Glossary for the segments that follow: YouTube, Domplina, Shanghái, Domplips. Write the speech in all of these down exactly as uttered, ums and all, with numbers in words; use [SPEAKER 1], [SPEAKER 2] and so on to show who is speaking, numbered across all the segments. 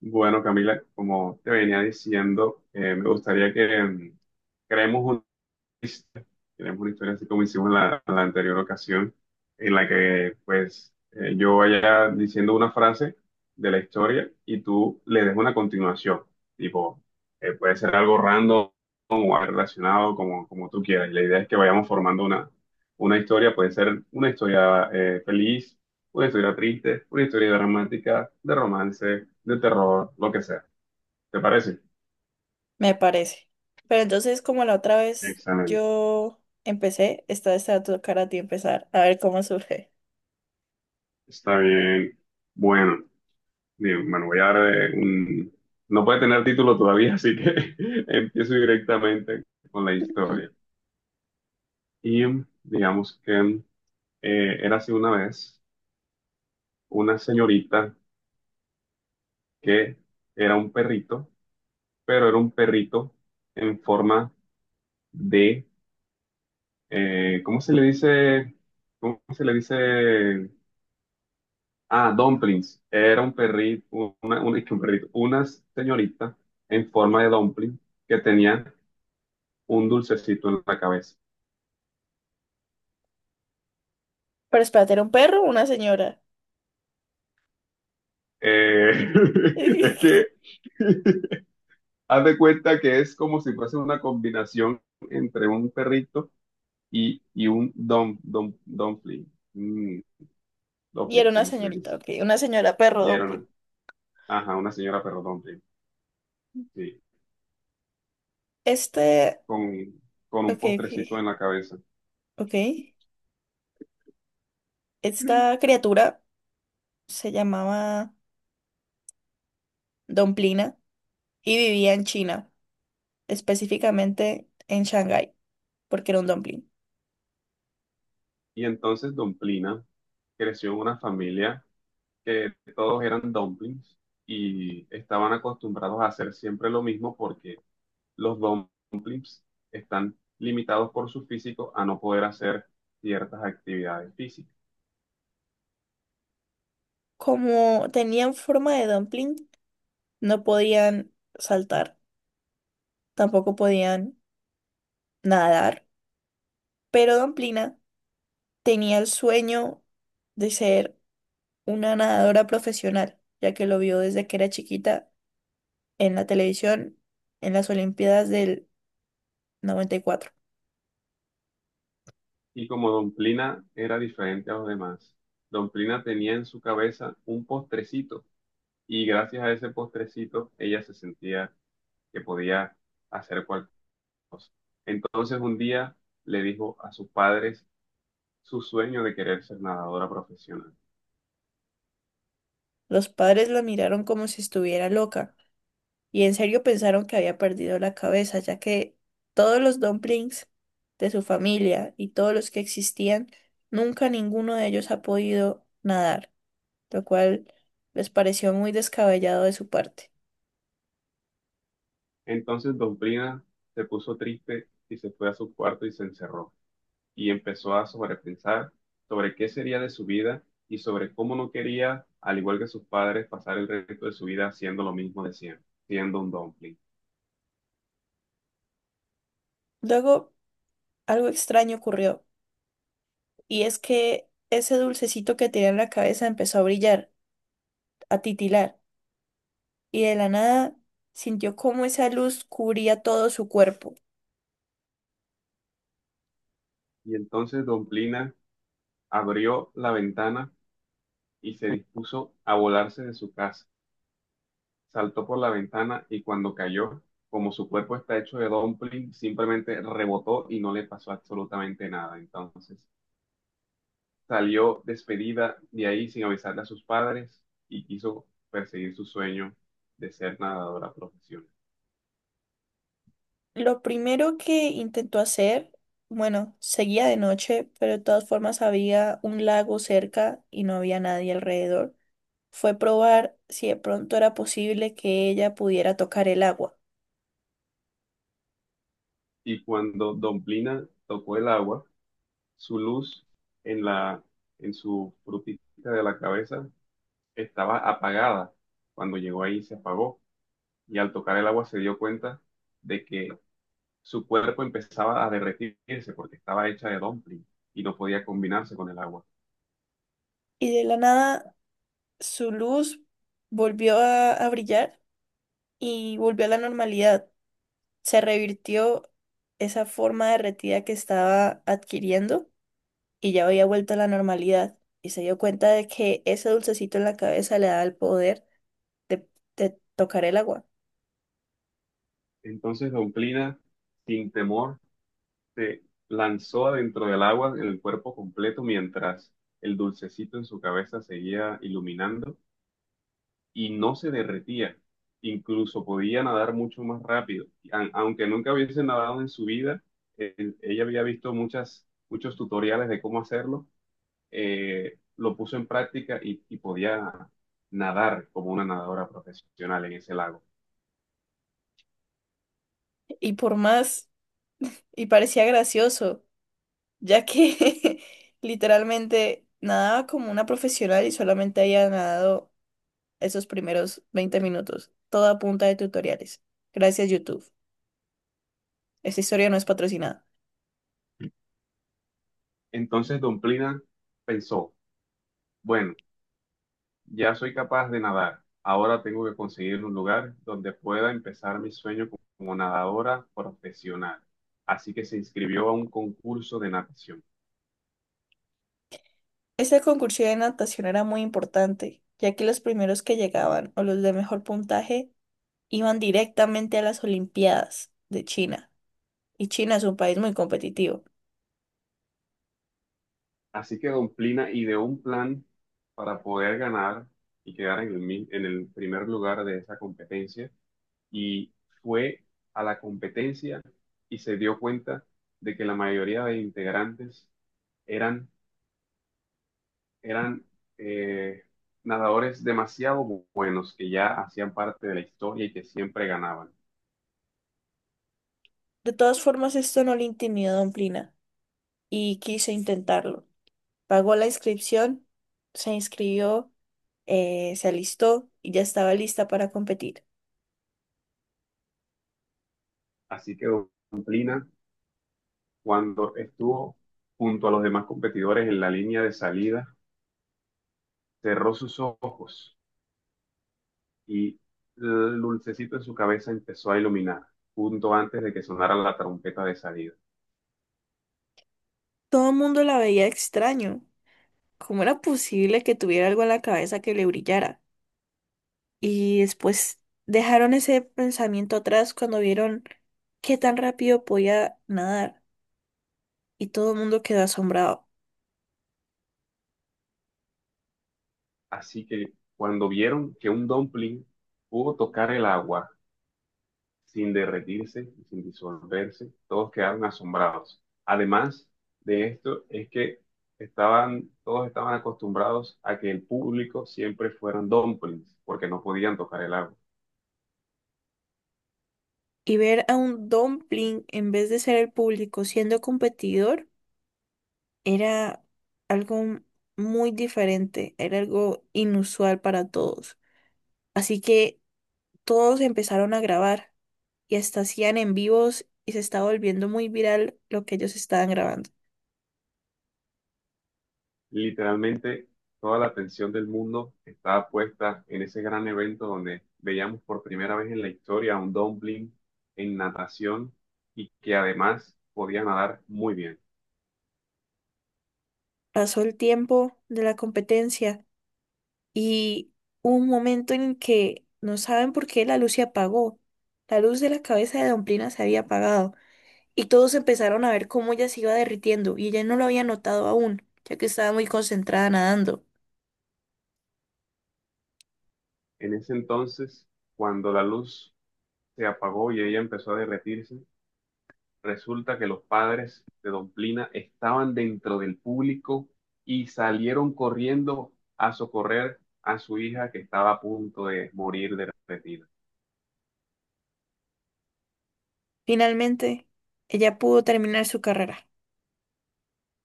[SPEAKER 1] Bueno, Camila, como te venía diciendo, eh, me gustaría que em, creemos tenemos una historia así como hicimos la, la anterior ocasión, en la que pues eh, yo vaya diciendo una frase de la historia y tú le des una continuación. Tipo, eh, puede ser algo random o algo relacionado como, como tú quieras. Y la idea es que vayamos formando una, una historia. Puede ser una historia eh, feliz, una historia triste, una historia dramática, de romance, de terror, lo que sea. ¿Te parece?
[SPEAKER 2] Me parece. Pero entonces, como la otra vez
[SPEAKER 1] Excelente.
[SPEAKER 2] yo empecé, esta vez te va a tocar a ti empezar, a ver cómo surge.
[SPEAKER 1] Está bien. Bueno. Bien, bueno, voy a eh, un... No puede tener título todavía, así que empiezo directamente con la historia. Y digamos que eh, era así una vez una señorita que era un perrito, pero era un perrito en forma de, eh, ¿cómo se le dice? ¿Cómo se le dice? Ah, dumplings. Era un perrito, una, un, un perrito, una señorita en forma de dumpling que tenía un dulcecito en la cabeza.
[SPEAKER 2] Pero espérate, ¿era un perro o una señora?
[SPEAKER 1] Eh, es que haz de cuenta que es como si fuese una combinación entre un perrito y, y un dom, dom, dumpling. Mm,
[SPEAKER 2] Y era
[SPEAKER 1] dumpling,
[SPEAKER 2] una
[SPEAKER 1] ¿cómo se le
[SPEAKER 2] señorita,
[SPEAKER 1] dice?
[SPEAKER 2] ok. Una señora perro
[SPEAKER 1] Y era una,
[SPEAKER 2] dumpling.
[SPEAKER 1] ajá, una señora perro dumpling, sí,
[SPEAKER 2] Este,
[SPEAKER 1] con, con un
[SPEAKER 2] ok, ok,
[SPEAKER 1] postrecito en la cabeza.
[SPEAKER 2] ok. Esta criatura se llamaba Domplina y vivía en China, específicamente en Shanghái, porque era un dumpling.
[SPEAKER 1] Y entonces Domplina creció en una familia que todos eran dumplings y estaban acostumbrados a hacer siempre lo mismo porque los domplips están limitados por su físico a no poder hacer ciertas actividades físicas.
[SPEAKER 2] Como tenían forma de dumpling, no podían saltar, tampoco podían nadar, pero Don Plina tenía el sueño de ser una nadadora profesional, ya que lo vio desde que era chiquita en la televisión en las Olimpiadas del noventa y cuatro.
[SPEAKER 1] Y como Domplina era diferente a los demás, Domplina tenía en su cabeza un postrecito y gracias a ese postrecito ella se sentía que podía hacer cualquier cosa. Entonces un día le dijo a sus padres su sueño de querer ser nadadora profesional.
[SPEAKER 2] Los padres la miraron como si estuviera loca y en serio pensaron que había perdido la cabeza, ya que todos los dumplings de su familia y todos los que existían, nunca ninguno de ellos ha podido nadar, lo cual les pareció muy descabellado de su parte.
[SPEAKER 1] Entonces Domplina se puso triste y se fue a su cuarto y se encerró. Y empezó a sobrepensar sobre qué sería de su vida y sobre cómo no quería, al igual que sus padres, pasar el resto de su vida haciendo lo mismo de siempre, siendo un dumpling.
[SPEAKER 2] Luego algo extraño ocurrió, y es que ese dulcecito que tenía en la cabeza empezó a brillar, a titilar, y de la nada sintió cómo esa luz cubría todo su cuerpo.
[SPEAKER 1] Y entonces Domplina abrió la ventana y se dispuso a volarse de su casa. Saltó por la ventana y cuando cayó, como su cuerpo está hecho de dumpling, simplemente rebotó y no le pasó absolutamente nada. Entonces, salió despedida de ahí sin avisarle a sus padres y quiso perseguir su sueño de ser nadadora profesional.
[SPEAKER 2] Lo primero que intentó hacer, bueno, seguía de noche, pero de todas formas había un lago cerca y no había nadie alrededor, fue probar si de pronto era posible que ella pudiera tocar el agua.
[SPEAKER 1] Y cuando Domplina tocó el agua, su luz en la, en su frutita de la cabeza estaba apagada. Cuando llegó ahí se apagó y al tocar el agua se dio cuenta de que su cuerpo empezaba a derretirse porque estaba hecha de dumpling y no podía combinarse con el agua.
[SPEAKER 2] Y de la nada su luz volvió a a brillar y volvió a la normalidad. Se revirtió esa forma derretida que estaba adquiriendo y ya había vuelto a la normalidad. Y se dio cuenta de que ese dulcecito en la cabeza le daba el poder de, de tocar el agua.
[SPEAKER 1] Entonces Domplina, sin temor, se lanzó adentro del agua en el cuerpo completo mientras el dulcecito en su cabeza seguía iluminando y no se derretía. Incluso podía nadar mucho más rápido. A- Aunque nunca hubiese nadado en su vida, eh, ella había visto muchas, muchos tutoriales de cómo hacerlo. Eh, lo puso en práctica y, y podía nadar como una nadadora profesional en ese lago.
[SPEAKER 2] Y por más, y parecía gracioso, ya que literalmente nadaba como una profesional y solamente había nadado esos primeros veinte minutos, toda a punta de tutoriales. Gracias, YouTube. Esta historia no es patrocinada.
[SPEAKER 1] Entonces, Don Plina pensó, bueno, ya soy capaz de nadar. Ahora tengo que conseguir un lugar donde pueda empezar mi sueño co- como nadadora profesional. Así que se inscribió a un concurso de natación.
[SPEAKER 2] Este concurso de natación era muy importante, ya que los primeros que llegaban o los de mejor puntaje iban directamente a las Olimpiadas de China. Y China es un país muy competitivo.
[SPEAKER 1] Así que Don Plina ideó un plan para poder ganar y quedar en el, mi- en el primer lugar de esa competencia. Y fue a la competencia y se dio cuenta de que la mayoría de integrantes eran eran eh, nadadores demasiado buenos que ya hacían parte de la historia y que siempre ganaban.
[SPEAKER 2] De todas formas, esto no le intimidó a Don Plina y quiso intentarlo. Pagó la inscripción, se inscribió, eh, se alistó y ya estaba lista para competir.
[SPEAKER 1] Así que Dumplina, cuando estuvo junto a los demás competidores en la línea de salida, cerró sus ojos y el dulcecito en su cabeza empezó a iluminar, junto antes de que sonara la trompeta de salida.
[SPEAKER 2] Todo el mundo la veía extraño. ¿Cómo era posible que tuviera algo en la cabeza que le brillara? Y después dejaron ese pensamiento atrás cuando vieron qué tan rápido podía nadar. Y todo el mundo quedó asombrado.
[SPEAKER 1] Así que cuando vieron que un dumpling pudo tocar el agua, sin derretirse, sin disolverse, todos quedaron asombrados. Además de esto, es que estaban, todos estaban acostumbrados a que el público siempre fueran dumplings, porque no podían tocar el agua.
[SPEAKER 2] Y ver a un dumpling en vez de ser el público siendo competidor era algo muy diferente, era algo inusual para todos. Así que todos empezaron a grabar y hasta hacían en vivos y se estaba volviendo muy viral lo que ellos estaban grabando.
[SPEAKER 1] Literalmente, toda la atención del mundo estaba puesta en ese gran evento donde veíamos por primera vez en la historia a un dumpling en natación y que además podía nadar muy bien.
[SPEAKER 2] Pasó el tiempo de la competencia, y hubo un momento en el que no saben por qué la luz se apagó. La luz de la cabeza de Domplina se había apagado y todos empezaron a ver cómo ella se iba derritiendo y ella no lo había notado aún, ya que estaba muy concentrada nadando.
[SPEAKER 1] En ese entonces, cuando la luz se apagó y ella empezó a derretirse, resulta que los padres de Don Plina estaban dentro del público y salieron corriendo a socorrer a su hija que estaba a punto de morir de retina.
[SPEAKER 2] Finalmente, ella pudo terminar su carrera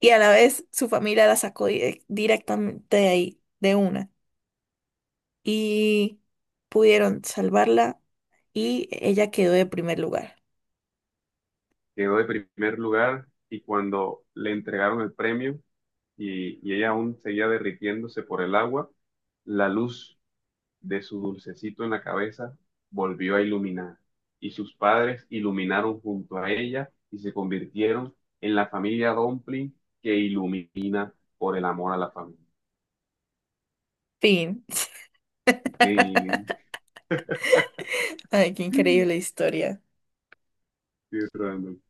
[SPEAKER 2] y a la vez su familia la sacó di- directamente de ahí, de una, y pudieron salvarla y ella quedó de primer lugar.
[SPEAKER 1] Quedó de primer lugar y cuando le entregaron el premio y, y ella aún seguía derritiéndose por el agua, la luz de su dulcecito en la cabeza volvió a iluminar, y sus padres iluminaron junto a ella y se convirtieron en la familia Dumpling que ilumina por el amor a la familia.
[SPEAKER 2] Fin.
[SPEAKER 1] Sí,
[SPEAKER 2] Ay, qué increíble historia.
[SPEAKER 1] sí, Randall.